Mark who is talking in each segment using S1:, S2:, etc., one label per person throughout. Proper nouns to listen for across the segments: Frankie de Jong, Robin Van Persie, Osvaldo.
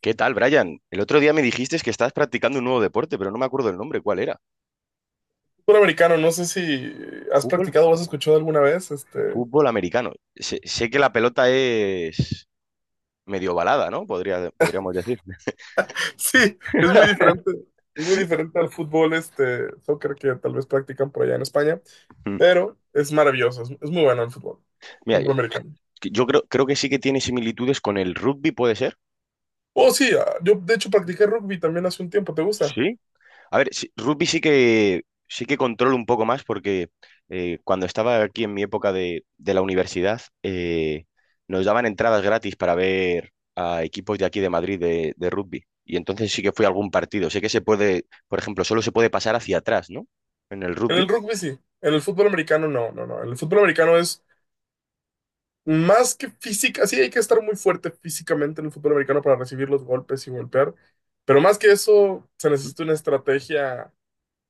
S1: ¿Qué tal, Brian? El otro día me dijiste que estabas practicando un nuevo deporte, pero no me acuerdo el nombre. ¿Cuál era?
S2: Fútbol americano, no sé si has
S1: ¿Fútbol?
S2: practicado o has escuchado alguna vez.
S1: Fútbol americano. Sé que la pelota es medio balada, ¿no? Podríamos decir.
S2: Sí, es muy diferente al fútbol, soccer que tal vez practican por allá en España, pero es maravilloso, es muy bueno el fútbol,
S1: Mira,
S2: fútbol americano.
S1: yo creo que sí que tiene similitudes con el rugby, ¿puede ser?
S2: Oh, sí, yo de hecho practiqué rugby también hace un tiempo, ¿te gusta?
S1: ¿Sí? A ver, rugby sí que controlo un poco más porque cuando estaba aquí en mi época de la universidad nos daban entradas gratis para ver a equipos de aquí de Madrid de rugby. Y entonces sí que fui a algún partido. Sé que se puede, por ejemplo, solo se puede pasar hacia atrás, ¿no? En el
S2: En el
S1: rugby.
S2: rugby sí, en el fútbol americano no, no, no. En el fútbol americano es más que física, sí hay que estar muy fuerte físicamente en el fútbol americano para recibir los golpes y golpear, pero más que eso se necesita una estrategia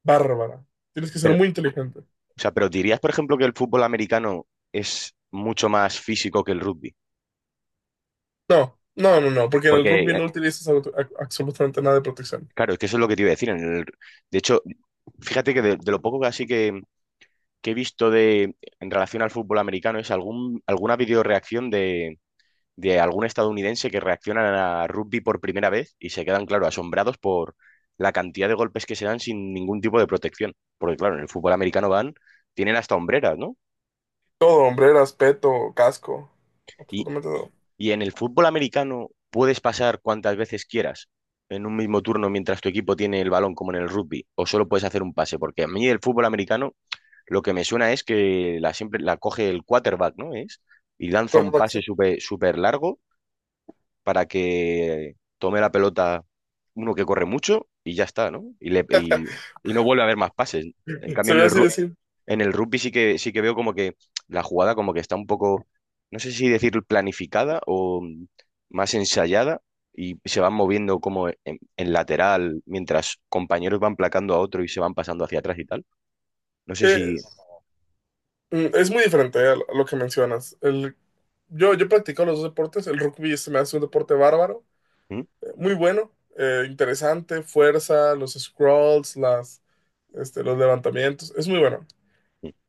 S2: bárbara. Tienes que ser
S1: Pero,
S2: muy inteligente.
S1: o sea, pero dirías, por ejemplo, que el fútbol americano es mucho más físico que el rugby.
S2: No, no, no, no, porque en el
S1: Porque,
S2: rugby no utilizas absolutamente nada de protección.
S1: claro, es que eso es lo que te iba a decir. De hecho, fíjate que de lo poco que así que he visto en relación al fútbol americano es alguna videoreacción de algún estadounidense que reacciona a rugby por primera vez y se quedan, claro, asombrados por la cantidad de golpes que se dan sin ningún tipo de protección. Porque, claro, en el fútbol americano tienen hasta hombreras, ¿no?
S2: Todo, hombreras, peto, casco,
S1: Y,
S2: absolutamente todo.
S1: y en el fútbol americano puedes pasar cuantas veces quieras en un mismo turno mientras tu equipo tiene el balón, como en el rugby, o solo puedes hacer un pase, porque a mí el fútbol americano lo que me suena es que la siempre la coge el quarterback, ¿no? Y lanza un
S2: Quarterback, sí.
S1: pase súper súper largo para que tome la pelota uno que corre mucho y ya está, ¿no? Y no vuelve a haber más pases. En cambio,
S2: Se ve así decir.
S1: en el rugby sí que veo como que la jugada como que está un poco, no sé si decir planificada o más ensayada, y se van moviendo como en lateral mientras compañeros van placando a otro y se van pasando hacia atrás y tal. No sé
S2: Eh,
S1: si…
S2: es muy diferente a lo que mencionas. Yo practico los dos deportes. El rugby se me hace un deporte bárbaro,
S1: ¿Mm?
S2: muy bueno, interesante, fuerza, los scrolls, los levantamientos. Es muy bueno.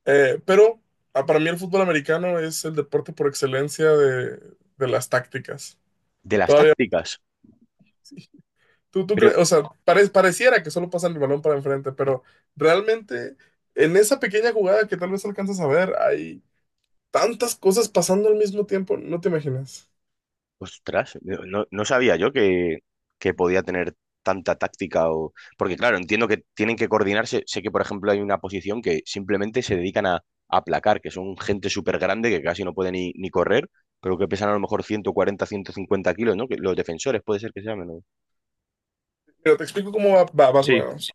S2: Pero para mí el fútbol americano es el deporte por excelencia de las tácticas.
S1: De las
S2: Todavía,
S1: tácticas.
S2: tú
S1: Pero,
S2: crees, o sea, pareciera que solo pasan el balón para enfrente, pero realmente en esa pequeña jugada que tal vez alcanzas a ver, hay tantas cosas pasando al mismo tiempo, no te imaginas.
S1: ostras, no sabía yo que podía tener tanta táctica o… Porque claro, entiendo que tienen que coordinarse. Sé que, por ejemplo, hay una posición que simplemente se dedican a aplacar, que son gente súper grande que casi no puede ni correr, pero que pesan a lo mejor 140, 150 kilos, ¿no? Que los defensores puede ser que se llamen, ¿no?
S2: Pero te explico cómo va más o
S1: Sí.
S2: menos.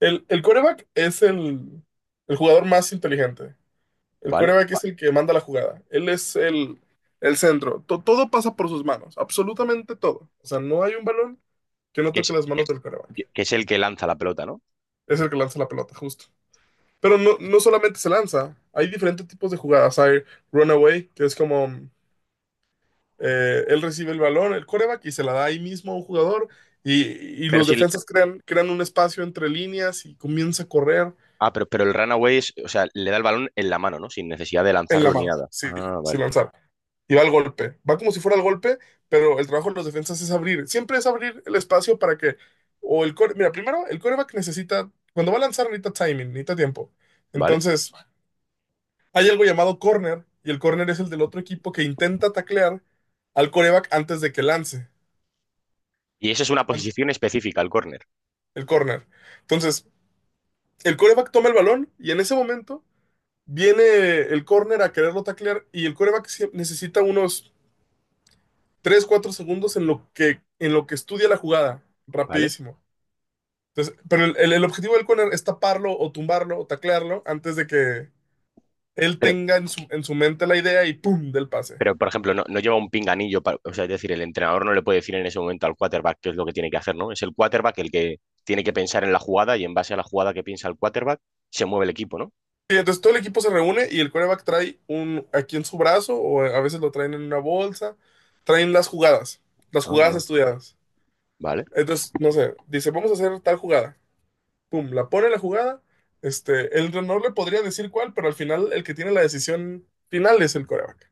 S2: El quarterback es el jugador más inteligente. El
S1: ¿Vale?
S2: coreback es el que manda la jugada. Él es el centro. Todo pasa por sus manos, absolutamente todo. O sea, no hay un balón que no
S1: Que
S2: toque
S1: es,
S2: las manos del coreback.
S1: que es el que lanza la pelota, ¿no?
S2: Es el que lanza la pelota, justo. Pero no solamente se lanza, hay diferentes tipos de jugadas. Hay runaway, que es como él recibe el balón, el coreback, y se la da ahí mismo a un jugador. Y, y
S1: Pero
S2: los
S1: si... el-
S2: defensas crean un espacio entre líneas y comienza a correr
S1: Ah, pero el runaway es, o sea, le da el balón en la mano, ¿no? Sin necesidad de
S2: en la
S1: lanzarlo ni
S2: mano,
S1: nada.
S2: sí,
S1: Ah, vale.
S2: sin lanzar. Y va al golpe. Va como si fuera al golpe, pero el trabajo de los defensas es abrir. Siempre es abrir el espacio para que. O el core. Mira, primero, el coreback necesita. Cuando va a lanzar, necesita timing, necesita tiempo.
S1: Vale,
S2: Entonces, hay algo llamado corner, y el corner es el del otro equipo que intenta taclear al coreback antes de que lance.
S1: y eso es una
S2: an-
S1: posición específica, el córner,
S2: El corner. Entonces, el coreback toma el balón, y en ese momento viene el corner a quererlo taclear, y el coreback necesita unos 3 4 segundos en lo que estudia la jugada.
S1: ¿vale?
S2: Rapidísimo. Entonces, pero el objetivo del corner es taparlo o tumbarlo o taclearlo antes de que él
S1: Pero,
S2: tenga en su mente la idea y ¡pum! Del pase.
S1: pero por ejemplo, no lleva un pinganillo, o sea, es decir, el entrenador no le puede decir en ese momento al quarterback qué es lo que tiene que hacer, ¿no? Es el quarterback el que tiene que pensar en la jugada, y en base a la jugada que piensa el quarterback se mueve el equipo, ¿no?
S2: Y entonces todo el equipo se reúne y el cornerback trae un aquí en su brazo o a veces lo traen en una bolsa, traen las
S1: Ah,
S2: jugadas
S1: no.
S2: estudiadas.
S1: Vale.
S2: Entonces, no sé, dice, vamos a hacer tal jugada. ¡Pum! La pone la jugada. El no le podría decir cuál, pero al final el que tiene la decisión final es el coreback.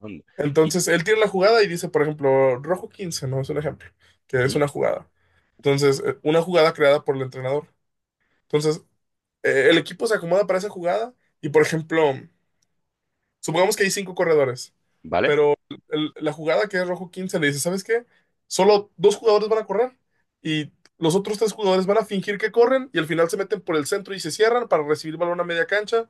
S1: Anda. Y,
S2: Entonces, él tira la jugada y dice, por ejemplo, rojo 15, ¿no? Es un ejemplo, que es
S1: ¿Mm?
S2: una jugada. Entonces, una jugada creada por el entrenador. Entonces, el equipo se acomoda para esa jugada y, por ejemplo, supongamos que hay cinco corredores,
S1: ¿Vale?
S2: pero la jugada que es rojo 15 le dice, ¿sabes qué? Solo dos jugadores van a correr y los otros tres jugadores van a fingir que corren y al final se meten por el centro y se cierran para recibir balón a media cancha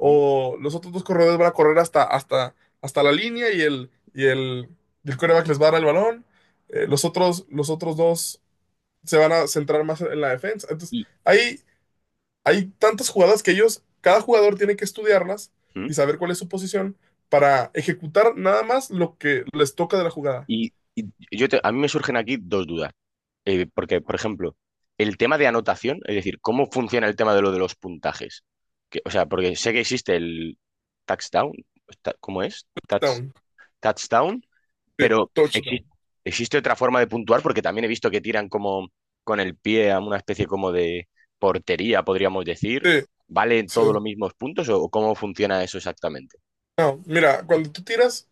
S1: ¿Mm?
S2: los otros dos corredores van a correr hasta la línea y el quarterback les va a dar el balón. Los otros dos se van a centrar más en la defensa. Entonces,
S1: ¿Y,
S2: ahí hay tantas jugadas que ellos, cada jugador tiene que estudiarlas
S1: ¿Mm?
S2: y saber cuál es su posición para ejecutar nada más lo que les toca de la jugada.
S1: Y, y a mí me surgen aquí dos dudas. Porque, por ejemplo, el tema de anotación, es decir, ¿cómo funciona el tema de lo de los puntajes? O sea, porque sé que existe el touchdown, ¿cómo es?
S2: Down,
S1: Touchdown,
S2: sí,
S1: pero
S2: touchdown.
S1: existe otra forma de puntuar porque también he visto que tiran como con el pie a una especie como de portería, podríamos decir.
S2: Sí,
S1: ¿Valen todos
S2: sí.
S1: los mismos puntos o cómo funciona eso exactamente?
S2: No, mira, cuando tú tiras,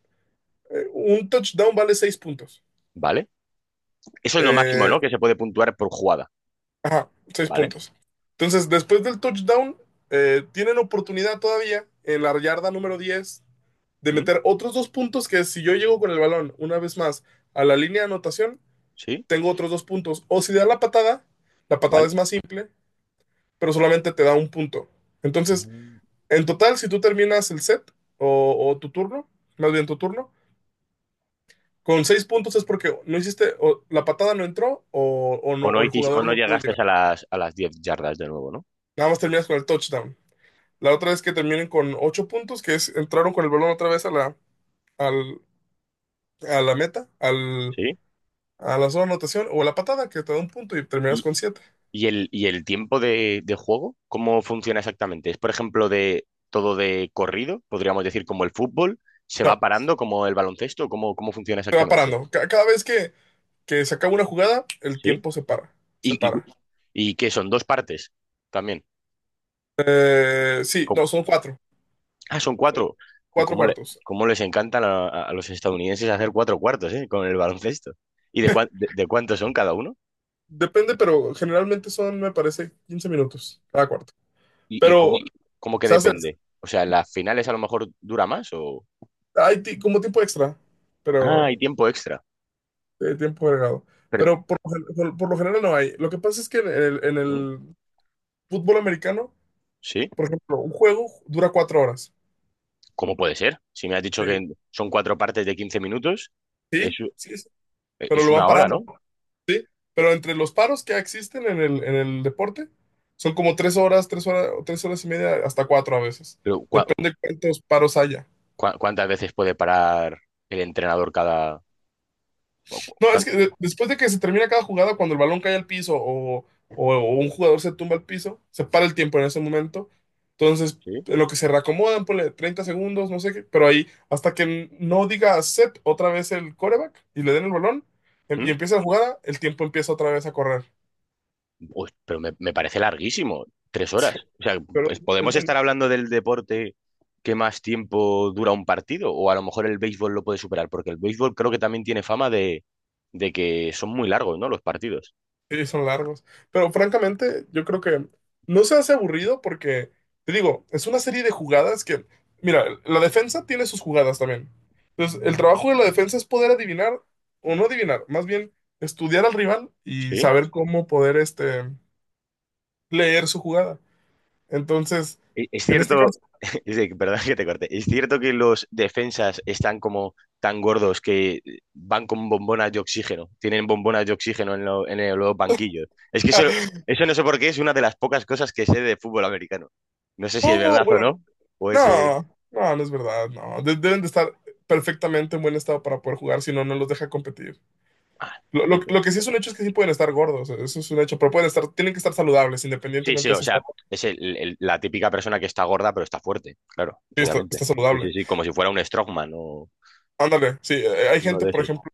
S2: un touchdown vale 6 puntos.
S1: ¿Vale? Eso es lo máximo, ¿no?
S2: Eh,
S1: Que se puede puntuar por jugada,
S2: ajá, seis
S1: ¿vale?
S2: puntos. Entonces, después del touchdown, tienen oportunidad todavía en la yarda número 10 de
S1: ¿Mm?
S2: meter otros 2 puntos que si yo llego con el balón una vez más a la línea de anotación,
S1: ¿Sí?
S2: tengo otros 2 puntos. O si da la patada
S1: ¿Vale?
S2: es más simple, pero solamente te da 1 punto. Entonces,
S1: Mm.
S2: en total, si tú terminas el set o tu turno, más bien tu turno, con 6 puntos es porque no hiciste, o la patada no entró o no,
S1: O no
S2: o el
S1: hiciste, o
S2: jugador
S1: no
S2: no pudo
S1: llegaste
S2: llegar.
S1: a las 10 yardas de nuevo, ¿no?
S2: Nada más terminas con el touchdown. La otra es que terminen con 8 puntos, que es entraron con el balón otra vez al, a la meta,
S1: Sí.
S2: a la zona de anotación o a la patada, que te da 1 punto y terminas
S1: ¿Y,
S2: con siete.
S1: y el tiempo de juego? ¿Cómo funciona exactamente? ¿Es, por ejemplo, de todo de corrido? Podríamos decir como el fútbol, ¿se va
S2: No,
S1: parando como el baloncesto? ¿Cómo funciona
S2: te va
S1: exactamente?
S2: parando. Cada vez que se acaba una jugada, el
S1: ¿Sí?
S2: tiempo se para. Se
S1: ¿Y, y,
S2: para.
S1: y qué son? ¿Dos partes? También.
S2: Sí,
S1: Co-
S2: no, son cuatro.
S1: Ah, son
S2: Son
S1: cuatro. Ju,
S2: cuatro
S1: ¿Cómo le-
S2: cuartos.
S1: cómo les encantan a los estadounidenses hacer cuatro cuartos, con el baloncesto. ¿Y de cuántos son cada uno?
S2: Depende, pero generalmente son, me parece, 15 minutos cada cuarto.
S1: ¿Y, y
S2: Pero
S1: cómo, cómo que
S2: se hace,
S1: depende? O sea, ¿las finales a lo mejor dura más o…?
S2: hay como tiempo extra,
S1: Ah,
S2: pero
S1: hay tiempo extra.
S2: tiempo agregado.
S1: Pero,
S2: Pero por lo general no hay. Lo que pasa es que en el, en
S1: ¿Mm?
S2: el fútbol americano,
S1: ¿Sí?
S2: por ejemplo, un juego dura 4 horas.
S1: ¿Cómo puede ser? Si me has dicho
S2: Sí,
S1: que son cuatro partes de 15 minutos, es,
S2: sí, sí, sí, pero
S1: es
S2: lo van
S1: una hora,
S2: parando.
S1: ¿no?
S2: ¿no? Pero entre los paros que existen en el deporte, son como tres horas, 3 horas, 3 horas y media, hasta cuatro a veces.
S1: Pero ¿cua-
S2: Depende cuántos paros haya.
S1: ¿Cuántas veces puede parar el entrenador cada…? cu- cu-
S2: No,
S1: cuán-
S2: es que después de que se termina cada jugada, cuando el balón cae al piso o un jugador se tumba al piso, se para el tiempo en ese momento. Entonces,
S1: ¿Sí?
S2: en lo que se reacomodan, ponle 30 segundos, no sé qué, pero ahí, hasta que no diga set otra vez el coreback y le den el balón y
S1: ¿Mm?
S2: empieza la jugada, el tiempo empieza otra vez a correr.
S1: Uy, pero me parece larguísimo, 3 horas. O sea,
S2: Pero
S1: pues,
S2: es
S1: ¿podemos
S2: bueno.
S1: estar hablando del deporte que más tiempo dura un partido? O a lo mejor el béisbol lo puede superar, porque el béisbol creo que también tiene fama de que son muy largos, ¿no? Los partidos.
S2: Sí, son largos. Pero francamente, yo creo que no se hace aburrido porque, te digo, es una serie de jugadas que, mira, la defensa tiene sus jugadas también. Entonces, el trabajo de la defensa es poder adivinar, o no adivinar, más bien estudiar al rival y
S1: Sí.
S2: saber cómo poder, leer su jugada. Entonces,
S1: Es
S2: en este
S1: cierto,
S2: caso,
S1: perdón que te corte, es cierto que los defensas están como tan gordos que van con bombonas de oxígeno, tienen bombonas de oxígeno en, los banquillos. Es que eso, eso no sé por qué, es una de las pocas cosas que sé de fútbol americano. No sé si es
S2: no,
S1: verdad o
S2: bueno,
S1: no, o es…
S2: no, no, no es verdad, no. Deben de estar perfectamente en buen estado para poder jugar, si no, no los deja competir.
S1: ah,
S2: Lo,
S1: qué
S2: lo-
S1: pe-
S2: lo que sí es un hecho es que sí pueden estar gordos, eso es un hecho, pero tienen que estar saludables,
S1: sí, sí,
S2: independientemente de
S1: o
S2: si está,
S1: sea, es la típica persona que está gorda pero está fuerte, claro,
S2: sí,
S1: obviamente.
S2: está
S1: Sí,
S2: saludable.
S1: sí, sí, como si fuera un strongman o
S2: Ándale, sí, hay
S1: uno
S2: gente,
S1: de
S2: por
S1: esos.
S2: ejemplo,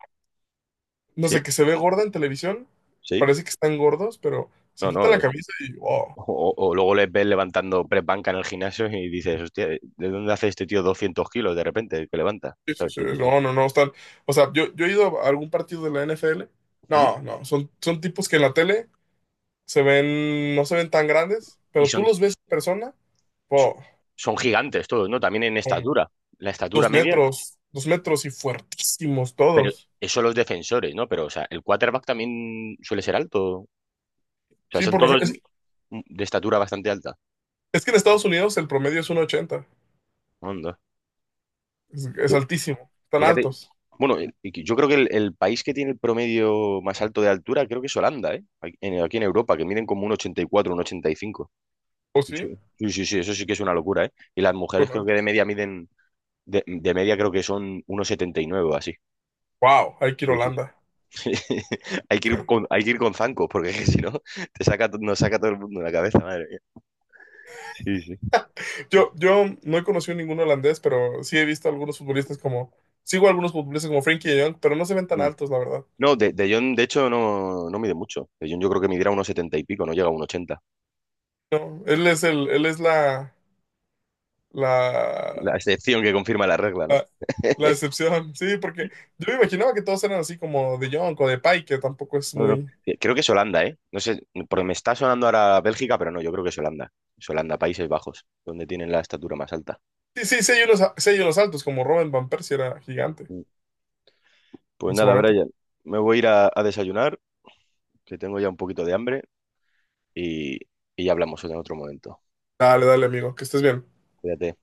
S2: no sé,
S1: Sí,
S2: que se ve gorda en televisión,
S1: sí,
S2: parece que están gordos, pero se
S1: no,
S2: quitan la
S1: no.
S2: camisa y, oh,
S1: O luego les ves levantando press banca en el gimnasio y dices, hostia, ¿de dónde hace este tío 200 kilos de repente que levanta?
S2: sí, sí,
S1: ¿Sabes?
S2: sí,
S1: Sí, sí, sí.
S2: no, no, no, están, o sea, yo he ido a algún partido de la NFL,
S1: ¿Mm?
S2: no, no, son tipos que en la tele se ven, no se ven tan grandes,
S1: Y
S2: pero tú
S1: son,
S2: los ves en persona,
S1: son,
S2: oh,
S1: Son gigantes todos, ¿no? También en
S2: son
S1: estatura. La estatura
S2: dos
S1: media,
S2: metros, 2 metros y fuertísimos
S1: pero
S2: todos.
S1: eso los defensores, ¿no? Pero, o sea, el quarterback también suele ser alto. O sea,
S2: Sí,
S1: son
S2: por lo
S1: todos
S2: general.
S1: de estatura bastante alta.
S2: Es que en Estados Unidos el promedio es 1,80.
S1: Onda.
S2: Es
S1: Yo-
S2: altísimo. Están
S1: Fíjate,
S2: altos.
S1: bueno, y yo creo que el país que tiene el promedio más alto de altura creo que es Holanda, ¿eh? Aquí en Europa, que miden como un ochenta y cuatro, un ochenta y cinco.
S2: ¿O
S1: Y su-
S2: sí?
S1: Sí, sí, sí, eso sí que es una locura, ¿eh? Y las mujeres
S2: Son
S1: creo que
S2: altos.
S1: de media miden, de media creo que son 1,79 o así.
S2: Wow, hay que ir a
S1: Sí, sí.
S2: Holanda.
S1: Hay que ir con zancos, porque si no, nos saca todo el mundo de la cabeza, madre mía. Sí, sí.
S2: Yo no he conocido ningún holandés, pero sí he visto algunos futbolistas como. Sigo a algunos futbolistas como Frankie de Jong, pero no se ven tan
S1: Mm.
S2: altos, la verdad.
S1: No, de Jong, de hecho, no mide mucho. De Jong yo creo que midiera unos 70 y pico, no llega a unos ochenta.
S2: No, él es él es
S1: La
S2: la,
S1: excepción que confirma la regla, ¿no?
S2: la, la excepción. Sí, porque yo me imaginaba que todos eran así como de Jong o de Pai, que tampoco es
S1: No, no.
S2: muy.
S1: Creo que es Holanda, ¿eh? No sé, porque me está sonando ahora Bélgica, pero no, yo creo que es Holanda. Es Holanda, Países Bajos, donde tienen la estatura más alta.
S2: Sí, sí, sí hay unos altos, como Robin Van Persie era gigante
S1: Pues
S2: en su
S1: nada,
S2: momento.
S1: Brian, me voy a ir a desayunar, que tengo ya un poquito de hambre, y, y ya hablamos en otro momento.
S2: Dale, dale, amigo, que estés bien.
S1: Cuídate.